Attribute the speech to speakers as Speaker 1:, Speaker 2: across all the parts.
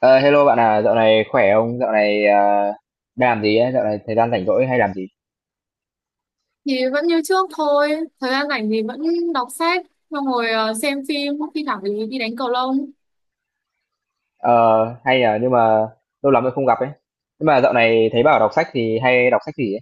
Speaker 1: Ờ, Hello bạn à, dạo này khỏe không? Dạo này đang làm gì ấy? Dạo này thời gian rảnh rỗi hay làm gì?
Speaker 2: Thì vẫn như trước thôi, thời gian rảnh thì vẫn đọc sách, xong rồi xem phim, thi thoảng thì đi đánh cầu lông.
Speaker 1: Ờ, Hay là nhưng mà lâu lắm rồi không gặp ấy. Nhưng mà dạo này thấy bảo đọc sách thì hay đọc sách gì ấy?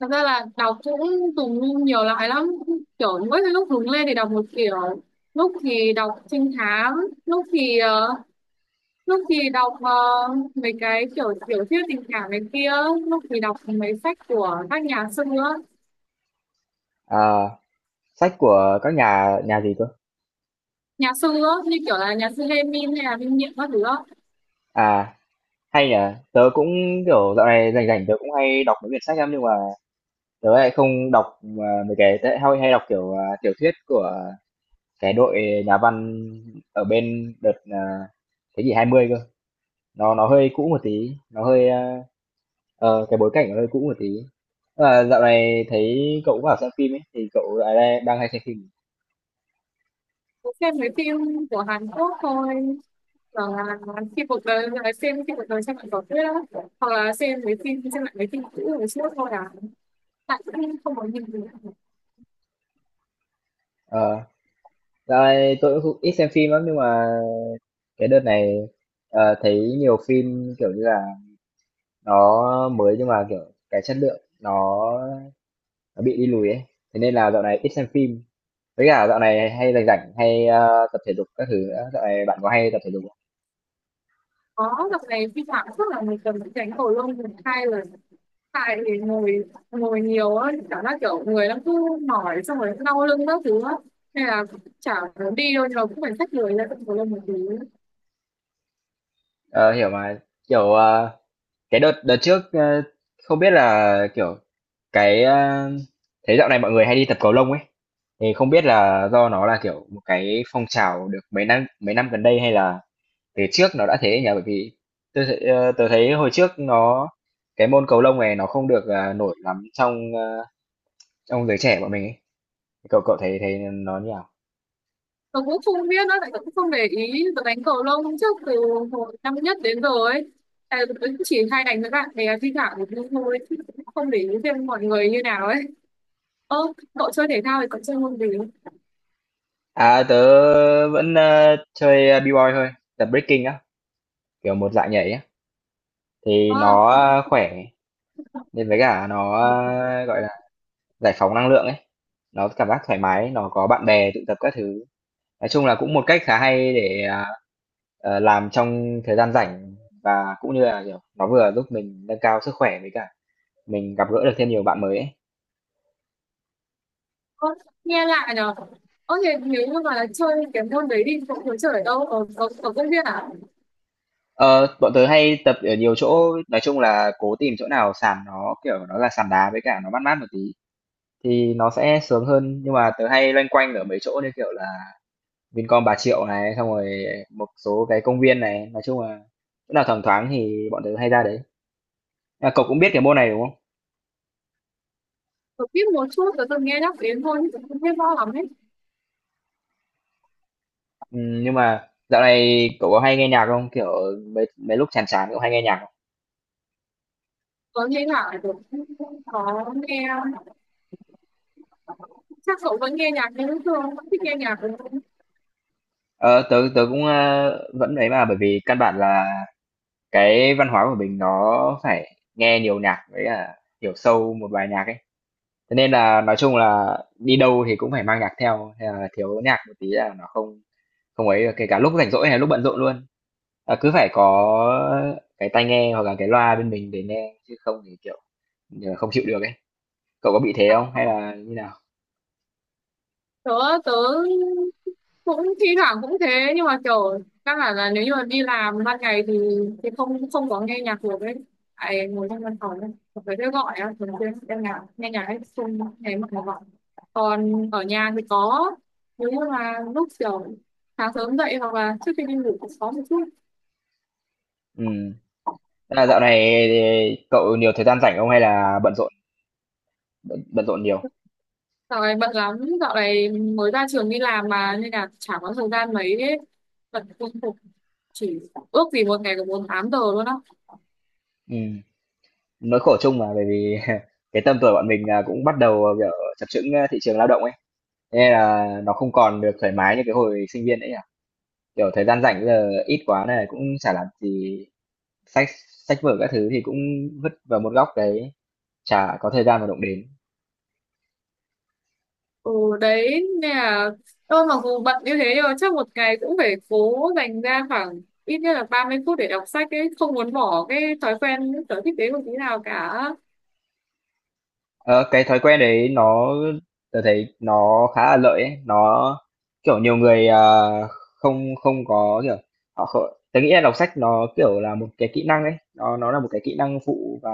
Speaker 2: Thật ra là đọc cũng dùng nhiều loại lắm, kiểu mỗi cái lúc hứng lên thì đọc một kiểu, lúc thì đọc trinh thám, lúc thì ờ, lúc thì đọc mấy cái kiểu tiểu thuyết tình cảm này kia, lúc thì đọc mấy sách của các nhà sư á.
Speaker 1: Ờ, Sách của các nhà nhà gì cơ?
Speaker 2: Nhà sư á, như kiểu là nhà sư Lê Min hay là Minh Niệm các thứ á.
Speaker 1: À, hay nhỉ. Tớ cũng kiểu dạo này rảnh rảnh tớ cũng hay đọc mấy quyển sách lắm nhưng mà tớ lại không đọc mấy cái tớ hay đọc kiểu tiểu thuyết của cái đội nhà văn ở bên đợt thế kỷ 20 cơ. Nó hơi cũ một tí, nó hơi cái bối cảnh nó hơi cũ một tí. À, dạo này thấy cậu cũng bảo xem phim ấy, thì cậu lại đang hay xem phim.
Speaker 2: Cũng xem mấy phim của Hàn Quốc thôi, hoặc là khi cuộc đời xem lại tiểu thuyết á, hoặc là xem lại mấy phim cũ hồi xưa thôi à, tại cũng không có nhiều gì cả.
Speaker 1: Ờ, Dạo này tôi cũng ít xem phim lắm nhưng mà cái đợt này thấy nhiều phim kiểu như là nó mới nhưng mà kiểu cái chất lượng nó bị đi lùi ấy. Thế nên là dạo này ít xem phim. Với cả dạo này hay rảnh rảnh hay tập thể dục các thứ nữa. Dạo này bạn có hay tập thể dục không?
Speaker 2: Có, dạo này phim Hàn Quốc là một tuần phải đánh cầu lông một hai lần, tại thì ngồi ngồi nhiều á, cảm giác kiểu người nó cứ mỏi xong rồi đau lưng các thứ á, nên là chả muốn đi đâu nhưng mà cũng phải xách người ra tận cầu lông một tí.
Speaker 1: Ờ, Hiểu mà. Kiểu cái đợt đợt trước không biết là kiểu Cái, a thấy dạo này mọi người hay đi tập cầu lông ấy, thì không biết là do nó là, kiểu, một cái phong trào được mấy năm gần đây hay là từ trước nó đã thế nhỉ? Bởi vì tớ thấy hồi trước nó cái môn cầu lông này nó không được, nổi lắm trong giới trẻ bọn mình ấy. Cậu cậu thấy thấy nó như nào?
Speaker 2: Tớ cũng không biết nữa, tại tớ cũng không để ý, tớ đánh cầu lông trước từ hồi năm nhất đến giờ ấy. Tại tớ cũng chỉ hay đánh với bạn bè thi thoảng một lúc thôi, chứ cũng không để ý thêm mọi người như nào ấy. Ơ, cậu chơi thể thao thì cậu chơi môn gì?
Speaker 1: À, tớ vẫn, chơi, B-boy thôi, tập breaking á, kiểu, một dạng nhảy á, thì
Speaker 2: Ờ,
Speaker 1: nó, khỏe, nên với cả nó, gọi là giải phóng năng lượng ấy, nó cảm giác thoải mái, nó có bạn bè tụ tập các thứ. Nói chung là cũng một cách khá hay để, làm trong thời gian rảnh và cũng như là, kiểu, nó vừa giúp mình nâng cao sức khỏe với cả mình gặp gỡ được thêm nhiều bạn mới ấy.
Speaker 2: à, nghe lạ nhở. Ơ thì nếu như mà chơi cái môn đấy đi, cậu có chơi ở đâu? Ở công viên à?
Speaker 1: Ờ, Bọn tớ hay tập ở nhiều chỗ, nói chung là cố tìm chỗ nào sàn nó, kiểu, nó là sàn đá với cả nó mát mát một tí thì nó sẽ sướng hơn, nhưng mà tớ hay loanh quanh ở mấy chỗ như, kiểu là, Vincom Bà Triệu này, xong rồi một số cái công viên này, nói chung là chỗ nào thoáng thoáng thì bọn tớ hay ra đấy. À, cậu cũng biết cái môn này đúng không?
Speaker 2: Tớ biết một chút, tớ từng nghe nhắc đến thôi, chứ tớ không biết rõ lắm ấy.
Speaker 1: Nhưng mà dạo này cậu có hay nghe nhạc không? Kiểu mấy mấy lúc chán chán cậu hay nghe nhạc không?
Speaker 2: Tớ nghe lạ, tớ cũng không có nghe, chắc cậu vẫn nghe nhạc như thường, vẫn thích nghe nhạc đúng không?
Speaker 1: Ờ, tớ tớ cũng vẫn ấy mà bởi vì căn bản là cái văn hóa của mình nó phải nghe nhiều nhạc với cả hiểu sâu một bài nhạc ấy. Thế nên là nói chung là đi đâu thì cũng phải mang nhạc theo, hay là thiếu nhạc một tí là nó không không ấy được kể cả lúc rảnh rỗi hay lúc bận rộn luôn. Cứ phải có cái tai nghe hoặc là cái loa bên mình để nghe chứ không thì kiểu không chịu được ấy. Cậu có bị thế không? Hay là như nào?
Speaker 2: Tớ tớ cũng thi thoảng cũng thế, nhưng mà kiểu căn bản là nếu như mà đi làm ban ngày thì không không có nghe nhạc được ấy, tại ngồi trong văn phòng ấy phải thế gọi á, thường xuyên đang nhạc nghe nhạc ấy xung thế mà gọi, còn ở nhà thì có, nếu như mà lúc kiểu sáng sớm dậy hoặc là trước khi đi ngủ cũng có một chút.
Speaker 1: Ừm. Tức là dạo này thì cậu nhiều thời gian rảnh không hay là bận rộn nhiều?
Speaker 2: Dạo này bận lắm, dạo này mới ra trường đi làm mà nên là chả có thời gian mấy ấy. Bận công việc, chỉ ước gì một ngày được 48 giờ luôn á.
Speaker 1: Ừm. Nỗi khổ chung mà bởi vì cái tầm tuổi bọn mình là cũng bắt đầu, kiểu, chập chững, thị trường lao động ấy, thế nên là nó không còn được thoải mái như cái hồi sinh viên nữa nhỉ? Kiểu, thời gian rảnh bây giờ ít quá này cũng chả làm gì, sách sách vở các thứ thì cũng vứt vào một góc đấy, chả có thời gian mà động đến.
Speaker 2: Ừ, đấy nên là tôi mặc dù bận như thế nhưng mà chắc một ngày cũng phải cố dành ra khoảng ít nhất là 30 phút để đọc sách ấy, không muốn bỏ cái thói quen cái sở thích đấy một tí nào cả.
Speaker 1: Ờ, cái thói quen đấy nó tôi thấy nó khá là lợi ấy. Nó kiểu nhiều người không không có kiểu họ không, tớ nghĩ là đọc sách nó kiểu là một cái kỹ năng ấy nó là một cái kỹ năng phụ và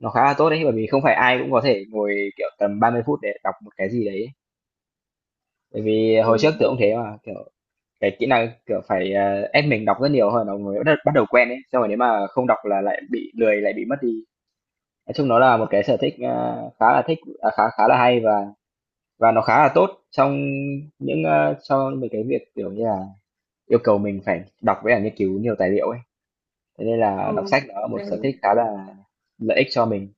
Speaker 1: nó khá là tốt đấy bởi vì không phải ai cũng có thể ngồi kiểu tầm 30 phút để đọc một cái gì đấy bởi vì
Speaker 2: Ừ,
Speaker 1: hồi trước tôi cũng thế mà kiểu cái kỹ năng kiểu phải ép mình đọc rất nhiều hơn nó mới bắt bắt đầu quen ấy xong rồi nếu mà không đọc là lại bị lười lại bị mất đi nói chung nó là một cái sở thích khá là thích khá khá là hay và nó khá là tốt trong cho mấy cái việc, kiểu như là, yêu cầu mình phải đọc với cả nghiên cứu nhiều tài liệu ấy. Thế nên là
Speaker 2: ừ.
Speaker 1: đọc sách nó là một sở thích
Speaker 2: Đấy.
Speaker 1: khá là lợi ích cho mình.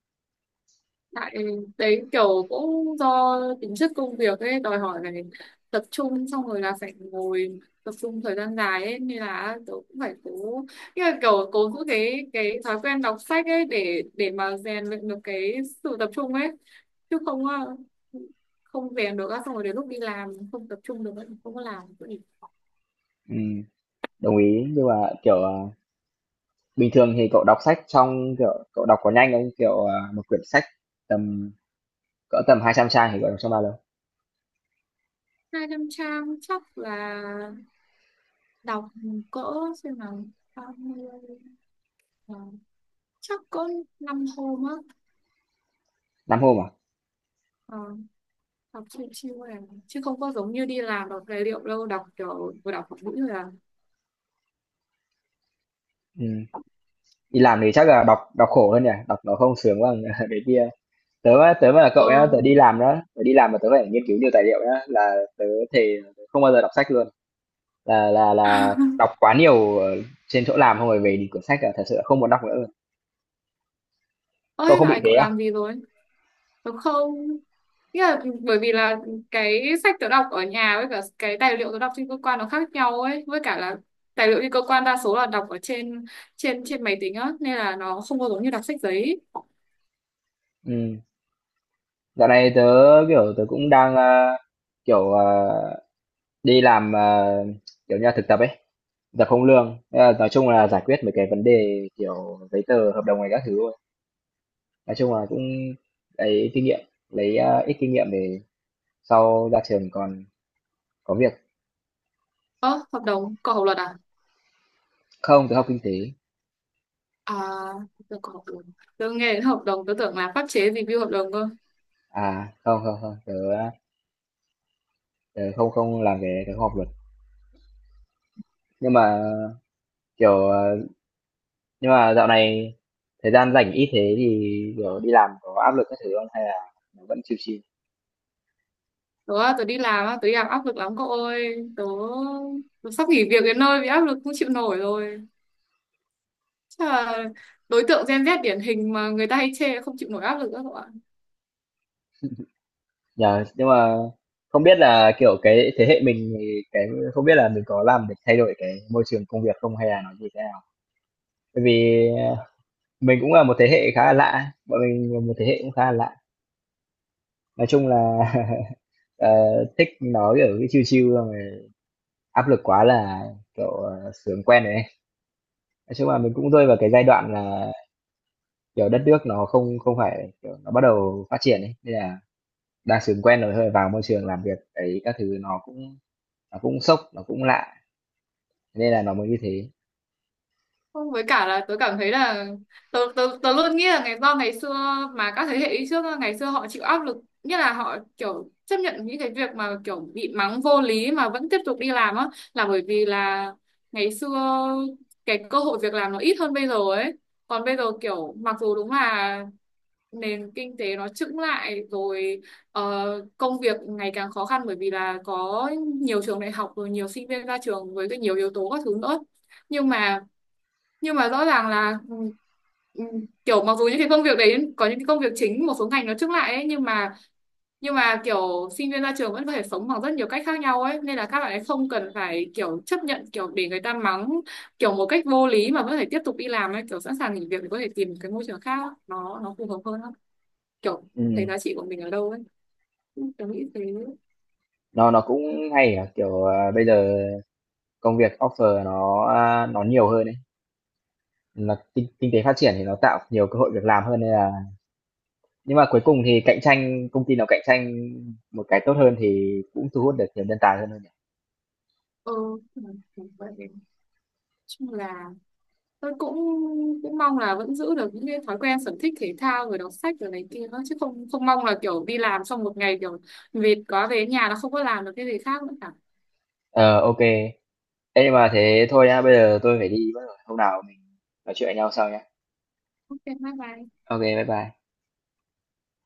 Speaker 2: Tại đấy kiểu cũng do tính chất công việc ấy đòi hỏi phải tập trung, xong rồi là phải ngồi tập trung thời gian dài ấy, nên là tớ cũng phải cố, như là kiểu cố giữ cái thói quen đọc sách ấy, để mà rèn luyện được cái sự tập trung ấy, chứ không không rèn được á, xong rồi đến lúc đi làm không tập trung được ấy, không có làm được gì.
Speaker 1: Ừm, đồng ý, nhưng mà, kiểu, bình thường thì cậu đọc sách cậu đọc có nhanh không? Kiểu, một quyển sách tầm tầm 200 trang thì cậu đọc trong bao lâu?
Speaker 2: 200 trang chắc là đọc cỡ, xem nào, 30 ờ, chắc cỡ 5 hôm á.
Speaker 1: 5 hôm à?
Speaker 2: Ờ, học chiêu chiêu này, chứ không có giống như đi làm đọc tài liệu đâu, đọc kiểu vừa đọc một mũi rồi à.
Speaker 1: Ừm, đi làm thì chắc là đọc đọc khổ hơn nhỉ? Đọc nó không sướng bằng cái kia. Tớ á, tớ mà là cậu nhá,
Speaker 2: ờ
Speaker 1: tớ đi làm đó, tớ đi làm mà tớ phải nghiên cứu nhiều tài liệu nhá, là tớ thề tớ không bao giờ đọc sách luôn. Là đọc quá nhiều ở trên chỗ làm xong rồi về thì quyển sách là thật sự là không muốn đọc nữa.
Speaker 2: Ôi,
Speaker 1: Cậu
Speaker 2: dạo
Speaker 1: không bị
Speaker 2: này
Speaker 1: thế
Speaker 2: cậu
Speaker 1: à?
Speaker 2: làm gì rồi đúng không? Nghĩa là bởi vì là cái sách tớ đọc ở nhà với cả cái tài liệu tớ đọc trên cơ quan nó khác nhau ấy, với cả là tài liệu trên cơ quan đa số là đọc ở trên trên trên máy tính á, nên là nó không có giống như đọc sách giấy.
Speaker 1: Ừm, dạo này tớ, kiểu, tớ cũng đang, kiểu, đi làm, kiểu như là, thực tập ấy, thực tập không lương. Thế là nói chung là giải quyết mấy cái vấn đề, kiểu, giấy tờ, hợp đồng này các thứ thôi. Nói chung là cũng lấy kinh nghiệm, lấy, ít kinh nghiệm để sau ra trường còn có việc.
Speaker 2: Ơ hợp đồng cậu học luật à?
Speaker 1: Không, tớ học kinh tế.
Speaker 2: À, tớ có học luật, tớ nghe đến hợp đồng tớ tưởng là pháp chế review hợp đồng cơ.
Speaker 1: À, không, không, không, tớ không không làm cái tớ không học luật. Nhưng mà, kiểu, nhưng mà dạo này thời gian rảnh ít thế thì kiểu đi làm có áp lực các thứ không hay là nó vẫn chill chill?
Speaker 2: Tớ đi làm áp lực lắm cậu ơi. Tớ sắp nghỉ việc đến nơi vì áp lực không chịu nổi rồi. Chắc là đối tượng Gen Z điển hình mà người ta hay chê không chịu nổi áp lực đó cậu ạ.
Speaker 1: Nhờ, nhưng mà không biết là kiểu cái thế hệ mình thì cái không biết là mình có làm để thay đổi cái môi trường công việc không hay là nó như thế nào. Bởi vì ờ, mình cũng là một thế hệ khá là lạ, bọn mình là một thế hệ cũng khá là lạ. Nói chung là ờ, thích nói ở cái chill chill xong rồi áp lực quá là kiểu sướng quen đấy. Nói chung là mình cũng rơi vào cái giai đoạn là kiểu đất nước nó không không phải kiểu nó bắt đầu phát triển ấy nên là đa số quen rồi thôi vào môi trường làm việc ấy các thứ nó cũng sốc, nó cũng lạ, nên là nó mới như thế.
Speaker 2: Không, với cả là tớ cảm thấy là tớ luôn nghĩ là ngày xưa mà các thế hệ đi trước á, ngày xưa họ chịu áp lực, nghĩa là họ kiểu chấp nhận những cái việc mà kiểu bị mắng vô lý mà vẫn tiếp tục đi làm á, là bởi vì là ngày xưa cái cơ hội việc làm nó ít hơn bây giờ ấy. Còn bây giờ kiểu mặc dù đúng là nền kinh tế nó chững lại rồi, ờ, công việc ngày càng khó khăn, bởi vì là có nhiều trường đại học rồi nhiều sinh viên ra trường với cái nhiều yếu tố các thứ nữa, nhưng mà rõ ràng là ừ, ừ, kiểu mặc dù những cái công việc đấy có những cái công việc chính một số ngành nó chững lại ấy, nhưng mà kiểu sinh viên ra trường vẫn có thể sống bằng rất nhiều cách khác nhau ấy, nên là các bạn ấy không cần phải kiểu chấp nhận kiểu để người ta mắng kiểu một cách vô lý mà vẫn phải tiếp tục đi làm ấy, kiểu sẵn sàng nghỉ việc để có thể tìm cái môi trường khác nó phù hợp hơn á, kiểu thấy
Speaker 1: Ừm,
Speaker 2: giá trị của mình ở đâu ấy. Ừ, tớ nghĩ thế.
Speaker 1: nó cũng hay ở, kiểu, bây giờ công việc offer nó nhiều hơn đấy là kinh kinh tế phát triển thì nó tạo nhiều cơ hội việc làm hơn nên là nhưng mà cuối cùng thì cạnh tranh công ty nào cạnh tranh một cái tốt hơn thì cũng thu hút được nhiều nhân tài hơn thôi nhỉ?
Speaker 2: ờ ừ, vậy chung là tôi cũng cũng mong là vẫn giữ được những cái thói quen sở thích thể thao rồi đọc sách rồi này kia đó, chứ không không mong là kiểu đi làm xong một ngày kiểu mệt quá về nhà nó không có làm được cái gì khác nữa cả.
Speaker 1: Ờ, ô Ê, nhưng mà thế thôi nhá, bây giờ tôi phải đi mất rồi, hôm nào mình nói chuyện với nhau sau nhá.
Speaker 2: Ok bye bye.
Speaker 1: Ok bye bye.